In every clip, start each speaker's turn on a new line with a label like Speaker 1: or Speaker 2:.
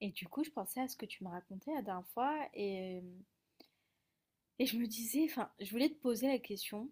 Speaker 1: Et du coup, je pensais à ce que tu me racontais la dernière fois et je me disais, enfin, je voulais te poser la question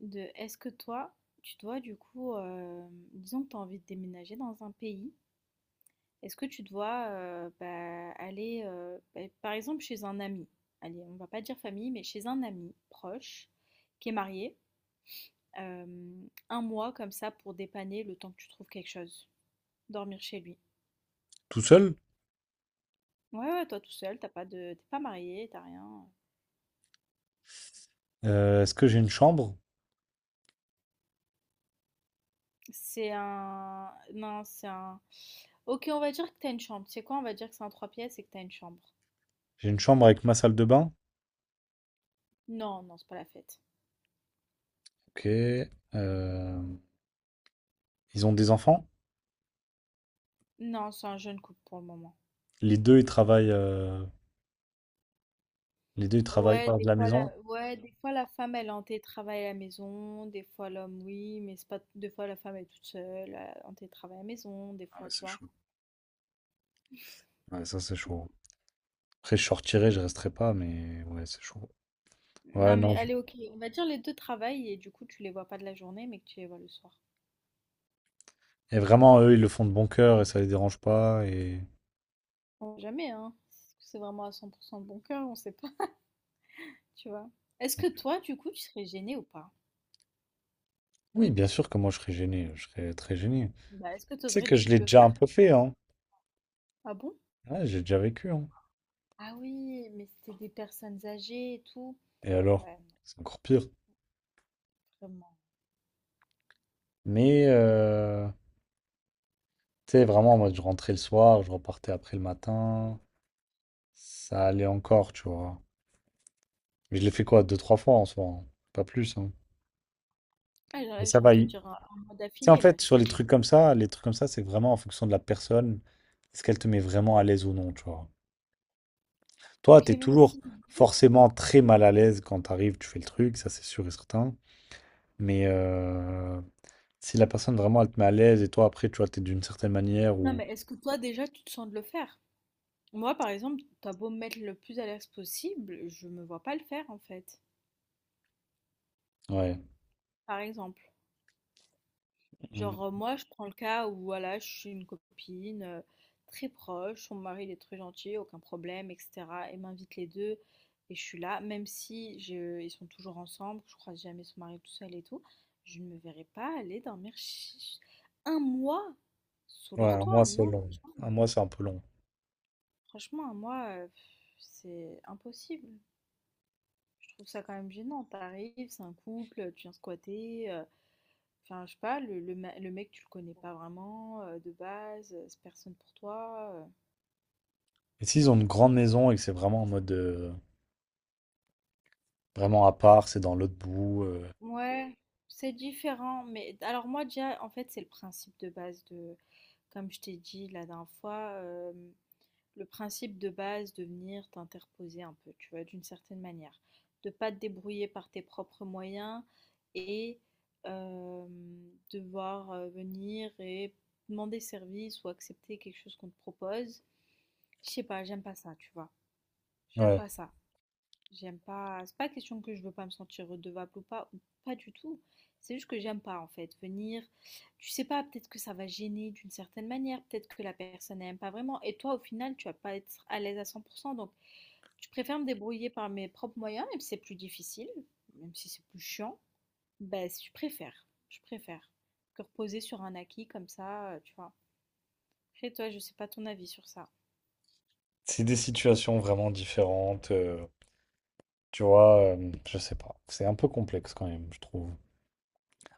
Speaker 1: de est-ce que toi, tu dois du coup, disons que tu as envie de déménager dans un pays, est-ce que tu dois bah, aller, bah, par exemple, chez un ami, allez, on va pas dire famille, mais chez un ami proche qui est marié, euh, un mois comme ça pour dépanner le temps que tu trouves quelque chose, dormir chez lui.
Speaker 2: Tout seul?
Speaker 1: Ouais, ouais, toi tout seul, t'as pas de, t'es pas marié, t'as rien.
Speaker 2: Est-ce que j'ai une chambre?
Speaker 1: C'est un. Non, c'est un. Ok, on va dire que t'as une chambre. C'est quoi? On va dire que c'est un trois pièces et que t'as une chambre.
Speaker 2: J'ai une chambre avec ma salle de bain.
Speaker 1: Non, non, c'est pas la fête.
Speaker 2: Ok. Ils ont des enfants.
Speaker 1: Non, c'est un jeune couple pour le moment.
Speaker 2: Les deux, ils travaillent. Les deux, ils travaillent
Speaker 1: Ouais,
Speaker 2: hors de
Speaker 1: des
Speaker 2: la
Speaker 1: fois la,
Speaker 2: maison.
Speaker 1: ouais, des fois la femme elle est en télétravail à la maison, des fois l'homme oui, mais c'est pas des fois la femme elle est toute seule en télétravail à la maison, des
Speaker 2: Ah ouais,
Speaker 1: fois tu
Speaker 2: c'est
Speaker 1: vois.
Speaker 2: chaud. Ouais, ça, c'est chaud. Après, je sortirai, je resterai pas, mais ouais, c'est chaud. Ouais,
Speaker 1: Non mais
Speaker 2: non.
Speaker 1: allez ok, on va dire les deux travaillent et du coup tu les vois pas de la journée mais que tu les vois le soir.
Speaker 2: Et vraiment, eux, ils le font de bon cœur et ça les dérange pas. Et
Speaker 1: Bon, jamais hein, est c'est vraiment à 100% de bon cœur, on sait pas, tu vois. Est-ce que toi du coup tu serais gêné ou pas?
Speaker 2: oui, bien sûr que moi, je serais gêné. Je serais très gêné.
Speaker 1: Bah, est-ce que tu
Speaker 2: Tu sais
Speaker 1: oserais
Speaker 2: que
Speaker 1: du
Speaker 2: je
Speaker 1: coup
Speaker 2: l'ai
Speaker 1: le
Speaker 2: déjà un
Speaker 1: faire?
Speaker 2: peu fait, hein.
Speaker 1: Ah bon?
Speaker 2: Ouais, j'ai déjà vécu, hein.
Speaker 1: Ah oui, mais c'était des personnes âgées et tout.
Speaker 2: Et alors?
Speaker 1: Ouais,
Speaker 2: C'est encore pire.
Speaker 1: vraiment.
Speaker 2: Mais euh, Tu sais, vraiment, moi, je rentrais le soir, je repartais après le matin. Ça allait encore, tu vois. Mais je l'ai fait quoi, deux, trois fois en soi, hein. Pas plus, hein.
Speaker 1: Ah, là,
Speaker 2: Mais
Speaker 1: là, je
Speaker 2: ça
Speaker 1: viens de
Speaker 2: va.
Speaker 1: te
Speaker 2: Tu
Speaker 1: dire un mois
Speaker 2: sais, en
Speaker 1: d'affilée, là,
Speaker 2: fait,
Speaker 1: je t'ai
Speaker 2: sur les
Speaker 1: dit.
Speaker 2: trucs comme ça, les trucs comme ça, c'est vraiment en fonction de la personne. Est-ce qu'elle te met vraiment à l'aise ou non, tu vois. Toi,
Speaker 1: Ok,
Speaker 2: t'es
Speaker 1: même
Speaker 2: toujours
Speaker 1: si...
Speaker 2: forcément très mal à l'aise quand t'arrives, tu fais le truc, ça c'est sûr et certain. Mais euh, Si la personne vraiment, elle te met à l'aise et toi, après, tu vois, t'es d'une certaine manière
Speaker 1: Non,
Speaker 2: ou...
Speaker 1: mais est-ce que toi, déjà, tu te sens de le faire? Moi, par exemple, t'as beau me mettre le plus à l'aise possible, je me vois pas le faire, en fait.
Speaker 2: Ouais.
Speaker 1: Par exemple.
Speaker 2: Mm.
Speaker 1: Genre, moi, je prends le cas où, voilà, je suis une copine très proche, son mari il est très gentil, aucun problème, etc. Et m'invite les deux, et je suis là, même si ils sont toujours ensemble, je croise jamais son mari tout seul et tout, je ne me verrai pas aller dormir un mois sous
Speaker 2: Ouais,
Speaker 1: leur
Speaker 2: un mois,
Speaker 1: toit,
Speaker 2: c'est
Speaker 1: non,
Speaker 2: long.
Speaker 1: franchement,
Speaker 2: Un
Speaker 1: non.
Speaker 2: mois, c'est un peu long.
Speaker 1: Franchement, un mois, pff, c'est impossible. Je trouve ça quand même gênant. T'arrives, c'est un couple, tu viens squatter. Enfin, je sais pas, le mec, tu le connais pas vraiment de base, c'est personne pour toi.
Speaker 2: Et s'ils ont une grande maison et que c'est vraiment en mode vraiment à part, c'est dans l'autre bout.
Speaker 1: Ouais, c'est différent. Mais alors, moi, déjà, en fait, c'est le principe de base de, comme je t'ai dit la dernière fois, le principe de base de venir t'interposer un peu, tu vois, d'une certaine manière. De pas te débrouiller par tes propres moyens et euh, devoir venir et demander service ou accepter quelque chose qu'on te propose. Je sais pas, j'aime pas ça, tu vois. J'aime
Speaker 2: Ouais.
Speaker 1: pas ça. J'aime pas. C'est pas question que je veux pas me sentir redevable ou pas du tout. C'est juste que j'aime pas en fait venir. Tu sais pas, peut-être que ça va gêner d'une certaine manière, peut-être que la personne n'aime pas vraiment. Et toi, au final, tu vas pas être à l'aise à 100%. Donc, je préfère me débrouiller par mes propres moyens, même si c'est plus difficile, même si c'est plus chiant. Ben, je préfère. Je préfère que reposer sur un acquis comme ça, tu vois. Après, toi, je sais pas ton avis sur ça.
Speaker 2: C'est des situations vraiment différentes. Tu vois, je sais pas. C'est un peu complexe quand même, je trouve.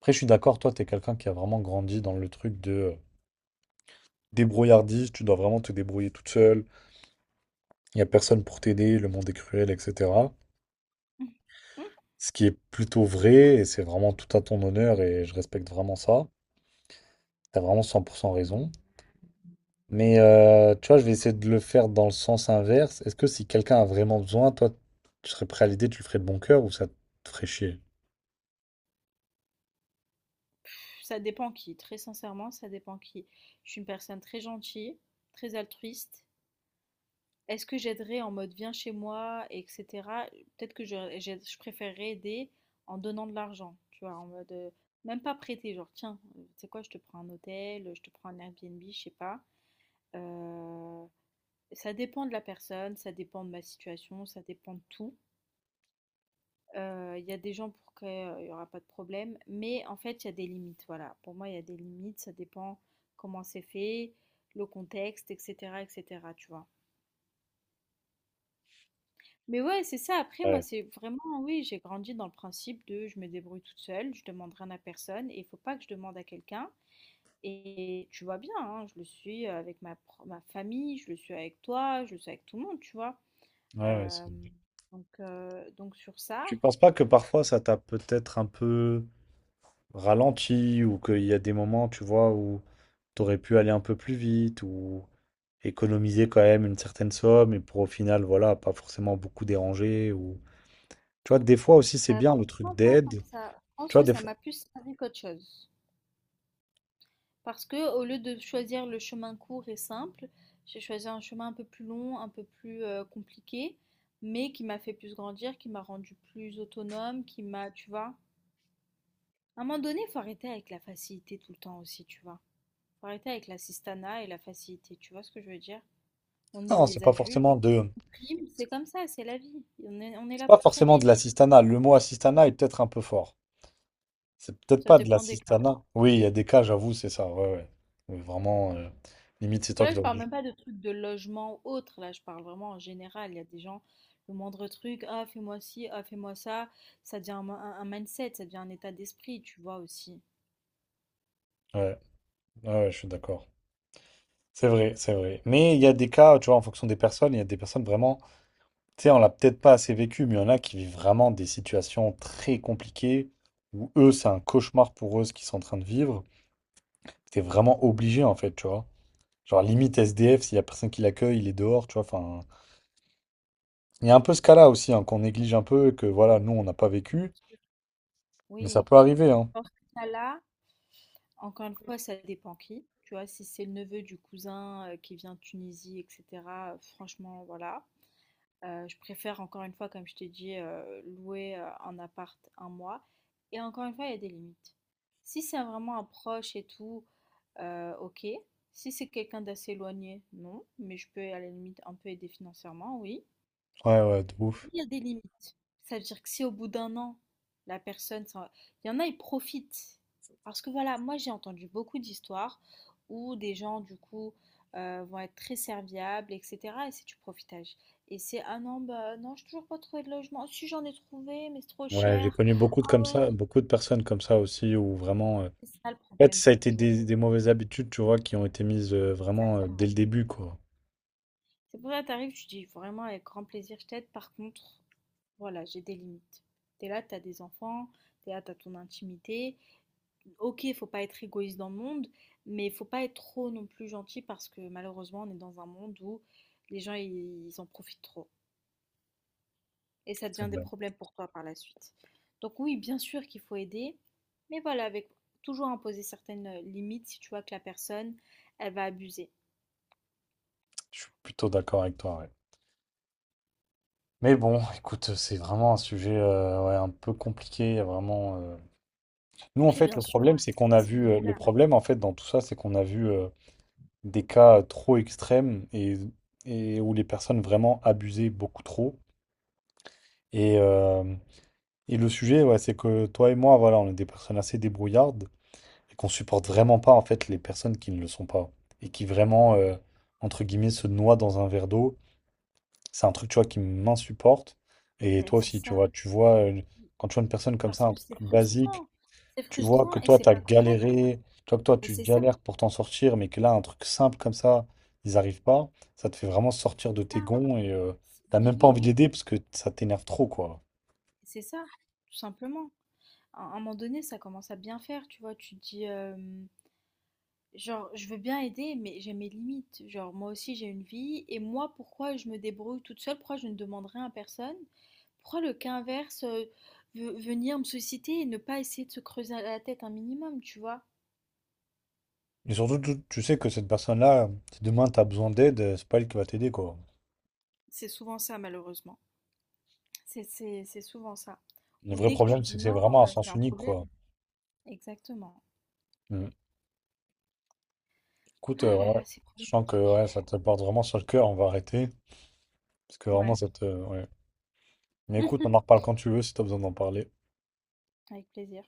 Speaker 2: Après, je suis d'accord, toi, t'es quelqu'un qui a vraiment grandi dans le truc de débrouillardise, tu dois vraiment te débrouiller toute seule, il n'y a personne pour t'aider, le monde est cruel, etc.
Speaker 1: Mm.
Speaker 2: Ce qui est plutôt vrai, et c'est vraiment tout à ton honneur, et je respecte vraiment ça. T'as vraiment 100% raison. Tu vois, je vais essayer de le faire dans le sens inverse. Est-ce que si quelqu'un a vraiment besoin, toi, tu serais prêt à l'aider, tu le ferais de bon cœur ou ça te ferait chier?
Speaker 1: Ça dépend qui, très sincèrement, ça dépend qui. Je suis une personne très gentille, très altruiste. Est-ce que j'aiderais en mode viens chez moi, etc. Peut-être que je préférerais aider en donnant de l'argent, tu vois, en mode même pas prêter, genre tiens, tu sais quoi, je te prends un hôtel, je te prends un Airbnb, je sais pas. Euh, ça dépend de la personne, ça dépend de ma situation, ça dépend de tout. Il y a des gens pour qui il n'y aura pas de problème, mais en fait, il y a des limites. Voilà, pour moi, il y a des limites, ça dépend comment c'est fait, le contexte, etc., etc., tu vois. Mais ouais, c'est ça. Après, moi,
Speaker 2: Ouais,
Speaker 1: c'est vraiment, oui, j'ai grandi dans le principe de je me débrouille toute seule, je demande rien à personne et il faut pas que je demande à quelqu'un. Et tu vois bien, hein, je le suis avec ma famille, je le suis avec toi, je le suis avec tout le monde, tu vois.
Speaker 2: ouais,
Speaker 1: Euh,
Speaker 2: vrai.
Speaker 1: donc sur ça.
Speaker 2: Tu penses pas que parfois ça t'a peut-être un peu ralenti ou qu'il y a des moments, tu vois, où t'aurais pu aller un peu plus vite ou économiser quand même une certaine somme et pour au final, voilà, pas forcément beaucoup déranger ou... Tu vois, des fois aussi c'est bien le truc
Speaker 1: Franchement pas tant
Speaker 2: d'aide.
Speaker 1: que ça. Je
Speaker 2: Tu
Speaker 1: pense
Speaker 2: vois,
Speaker 1: que
Speaker 2: des
Speaker 1: ça
Speaker 2: fois...
Speaker 1: m'a plus servi qu'autre chose. Parce que au lieu de choisir le chemin court et simple, j'ai choisi un chemin un peu plus long, un peu plus, compliqué, mais qui m'a fait plus grandir, qui m'a rendu plus autonome, qui m'a tu vois? À un moment donné, il faut arrêter avec la facilité tout le temps aussi, tu vois? Faut arrêter avec l'assistanat et la facilité, tu vois ce que je veux dire? On est
Speaker 2: Non, c'est
Speaker 1: des
Speaker 2: pas
Speaker 1: adultes,
Speaker 2: forcément de...
Speaker 1: on prime, c'est comme ça, c'est la vie. On est
Speaker 2: C'est
Speaker 1: là
Speaker 2: pas
Speaker 1: pour
Speaker 2: forcément
Speaker 1: trimer,
Speaker 2: de
Speaker 1: tu vois?
Speaker 2: l'assistanat. Le mot assistanat est peut-être un peu fort. C'est peut-être
Speaker 1: Ça
Speaker 2: pas de
Speaker 1: dépend des cas.
Speaker 2: l'assistanat. Oui, il y a des cas, j'avoue, c'est ça. Ouais, ouais. Oui, vraiment, limite, c'est
Speaker 1: Parce que
Speaker 2: toi qui
Speaker 1: là, je
Speaker 2: dois. Le
Speaker 1: parle
Speaker 2: dire.
Speaker 1: même pas de trucs de logement ou autre. Là, je parle vraiment en général. Il y a des gens, le moindre truc, ah, fais-moi ci, ah, fais-moi ça. Ça devient un mindset, ça devient un état d'esprit, tu vois aussi.
Speaker 2: Ouais, ouais, ouais, je suis d'accord. C'est vrai, c'est vrai. Mais il y a des cas, tu vois, en fonction des personnes, il y a des personnes vraiment, tu sais, on l'a peut-être pas assez vécu, mais il y en a qui vivent vraiment des situations très compliquées où eux, c'est un cauchemar pour eux ce qu'ils sont en train de vivre. T'es vraiment obligé, en fait, tu vois. Genre, limite SDF, s'il y a personne qui l'accueille, il est dehors, tu vois. Enfin, il y a un peu ce cas-là aussi, hein, qu'on néglige un peu, que voilà,
Speaker 1: Oui,
Speaker 2: nous, on n'a pas
Speaker 1: bien
Speaker 2: vécu,
Speaker 1: sûr.
Speaker 2: mais ça
Speaker 1: Oui.
Speaker 2: peut arriver, hein.
Speaker 1: Dans ce cas-là, encore une fois, ça dépend qui. Tu vois, si c'est le neveu du cousin qui vient de Tunisie, etc., franchement, voilà. Je préfère encore une fois, comme je t'ai dit, louer, un appart un mois et encore une fois, il y a des limites. Si c'est vraiment un proche et tout, OK. Si c'est quelqu'un d'assez éloigné, non, mais je peux à la limite un peu aider financièrement, oui.
Speaker 2: Ouais, ouais, de ouf.
Speaker 1: Il y a des limites. Ça veut dire que si au bout d'un an, la personne s'en va. Il y en a, ils profitent. Parce que voilà, moi j'ai entendu beaucoup d'histoires où des gens, du coup, vont être très serviables, etc. Et c'est du profitage. Et c'est, ah non, bah non, j'ai toujours pas trouvé de logement. Si j'en ai trouvé, mais c'est trop
Speaker 2: Ouais, j'ai
Speaker 1: cher.
Speaker 2: connu beaucoup de comme
Speaker 1: Ah ouais,
Speaker 2: ça,
Speaker 1: mais
Speaker 2: beaucoup de personnes comme ça aussi, où vraiment,
Speaker 1: c'est ça le
Speaker 2: en fait,
Speaker 1: problème
Speaker 2: ça
Speaker 1: de
Speaker 2: a
Speaker 1: nos
Speaker 2: été
Speaker 1: jours.
Speaker 2: des mauvaises habitudes, tu vois, qui ont été mises vraiment dès
Speaker 1: Exactement.
Speaker 2: le début, quoi.
Speaker 1: C'est pour ça que t'arrives, tu dis vraiment avec grand plaisir, je t'aide. Par contre, voilà, j'ai des limites. T'es là, t'as des enfants, t'es là, t'as ton intimité. OK, faut pas être égoïste dans le monde, mais faut pas être trop non plus gentil parce que malheureusement, on est dans un monde où les gens ils en profitent trop et ça
Speaker 2: C'est
Speaker 1: devient des
Speaker 2: vrai.
Speaker 1: problèmes pour toi par la suite. Donc oui, bien sûr qu'il faut aider, mais voilà, avec toujours imposer certaines limites si tu vois que la personne elle va abuser.
Speaker 2: Je suis plutôt d'accord avec toi, ouais. Mais bon, écoute, c'est vraiment un sujet ouais, un peu compliqué, il y a vraiment. Nous, en
Speaker 1: Après,
Speaker 2: fait, le
Speaker 1: bien sûr, ouais,
Speaker 2: problème, c'est qu'on
Speaker 1: c'est
Speaker 2: a
Speaker 1: c'est
Speaker 2: vu, le
Speaker 1: modulable.
Speaker 2: problème, en fait, dans tout ça, c'est qu'on a vu. Des cas trop extrêmes et où les personnes vraiment abusaient beaucoup trop. Et, euh, et le sujet, ouais, c'est que toi et moi, voilà, on est des personnes assez débrouillardes et qu'on supporte vraiment pas en fait les personnes qui ne le sont pas et qui vraiment, entre guillemets, se noient dans un verre d'eau. C'est un truc, tu vois, qui m'insupporte. Et
Speaker 1: Ouais,
Speaker 2: toi
Speaker 1: c'est
Speaker 2: aussi, tu
Speaker 1: ça,
Speaker 2: vois, quand tu vois une personne comme
Speaker 1: parce
Speaker 2: ça, un
Speaker 1: que
Speaker 2: truc basique.
Speaker 1: c'est
Speaker 2: Tu vois que
Speaker 1: frustrant et
Speaker 2: toi,
Speaker 1: c'est
Speaker 2: tu as
Speaker 1: pas correct.
Speaker 2: galéré, tu vois que toi,
Speaker 1: Mais
Speaker 2: tu
Speaker 1: c'est ça,
Speaker 2: galères pour t'en sortir, mais que là, un truc simple comme ça, ils n'arrivent pas, ça te fait vraiment sortir
Speaker 1: c'est
Speaker 2: de tes
Speaker 1: ça.
Speaker 2: gonds et t'as
Speaker 1: Mais
Speaker 2: même pas
Speaker 1: oui,
Speaker 2: envie d'aider parce que ça t'énerve trop, quoi.
Speaker 1: c'est ça, tout simplement. À un moment donné, ça commence à bien faire, tu vois. Tu te dis, genre, je veux bien aider, mais j'ai mes limites. Genre, moi aussi, j'ai une vie. Et moi, pourquoi je me débrouille toute seule? Pourquoi je ne demande rien à personne? Pourquoi le cas inverse, venir me solliciter et ne pas essayer de se creuser la tête un minimum, tu vois?
Speaker 2: Et surtout, tu sais que cette personne-là, si demain t'as besoin d'aide, c'est pas elle qui va t'aider, quoi.
Speaker 1: C'est souvent ça, malheureusement. C'est souvent ça.
Speaker 2: Le
Speaker 1: Ou
Speaker 2: vrai
Speaker 1: dès que tu
Speaker 2: problème, c'est
Speaker 1: dis
Speaker 2: que c'est
Speaker 1: non,
Speaker 2: vraiment un
Speaker 1: c'est
Speaker 2: sens
Speaker 1: un
Speaker 2: unique,
Speaker 1: problème.
Speaker 2: quoi.
Speaker 1: Exactement.
Speaker 2: Mm. Écoute,
Speaker 1: Ah là
Speaker 2: ouais,
Speaker 1: là, c'est
Speaker 2: je sens que
Speaker 1: problématique.
Speaker 2: ouais, ça te porte vraiment sur le cœur, on va arrêter. Parce que vraiment,
Speaker 1: Ouais.
Speaker 2: ça te. Ouais. Mais écoute, on en reparle quand tu veux si t'as besoin d'en parler.
Speaker 1: Avec plaisir.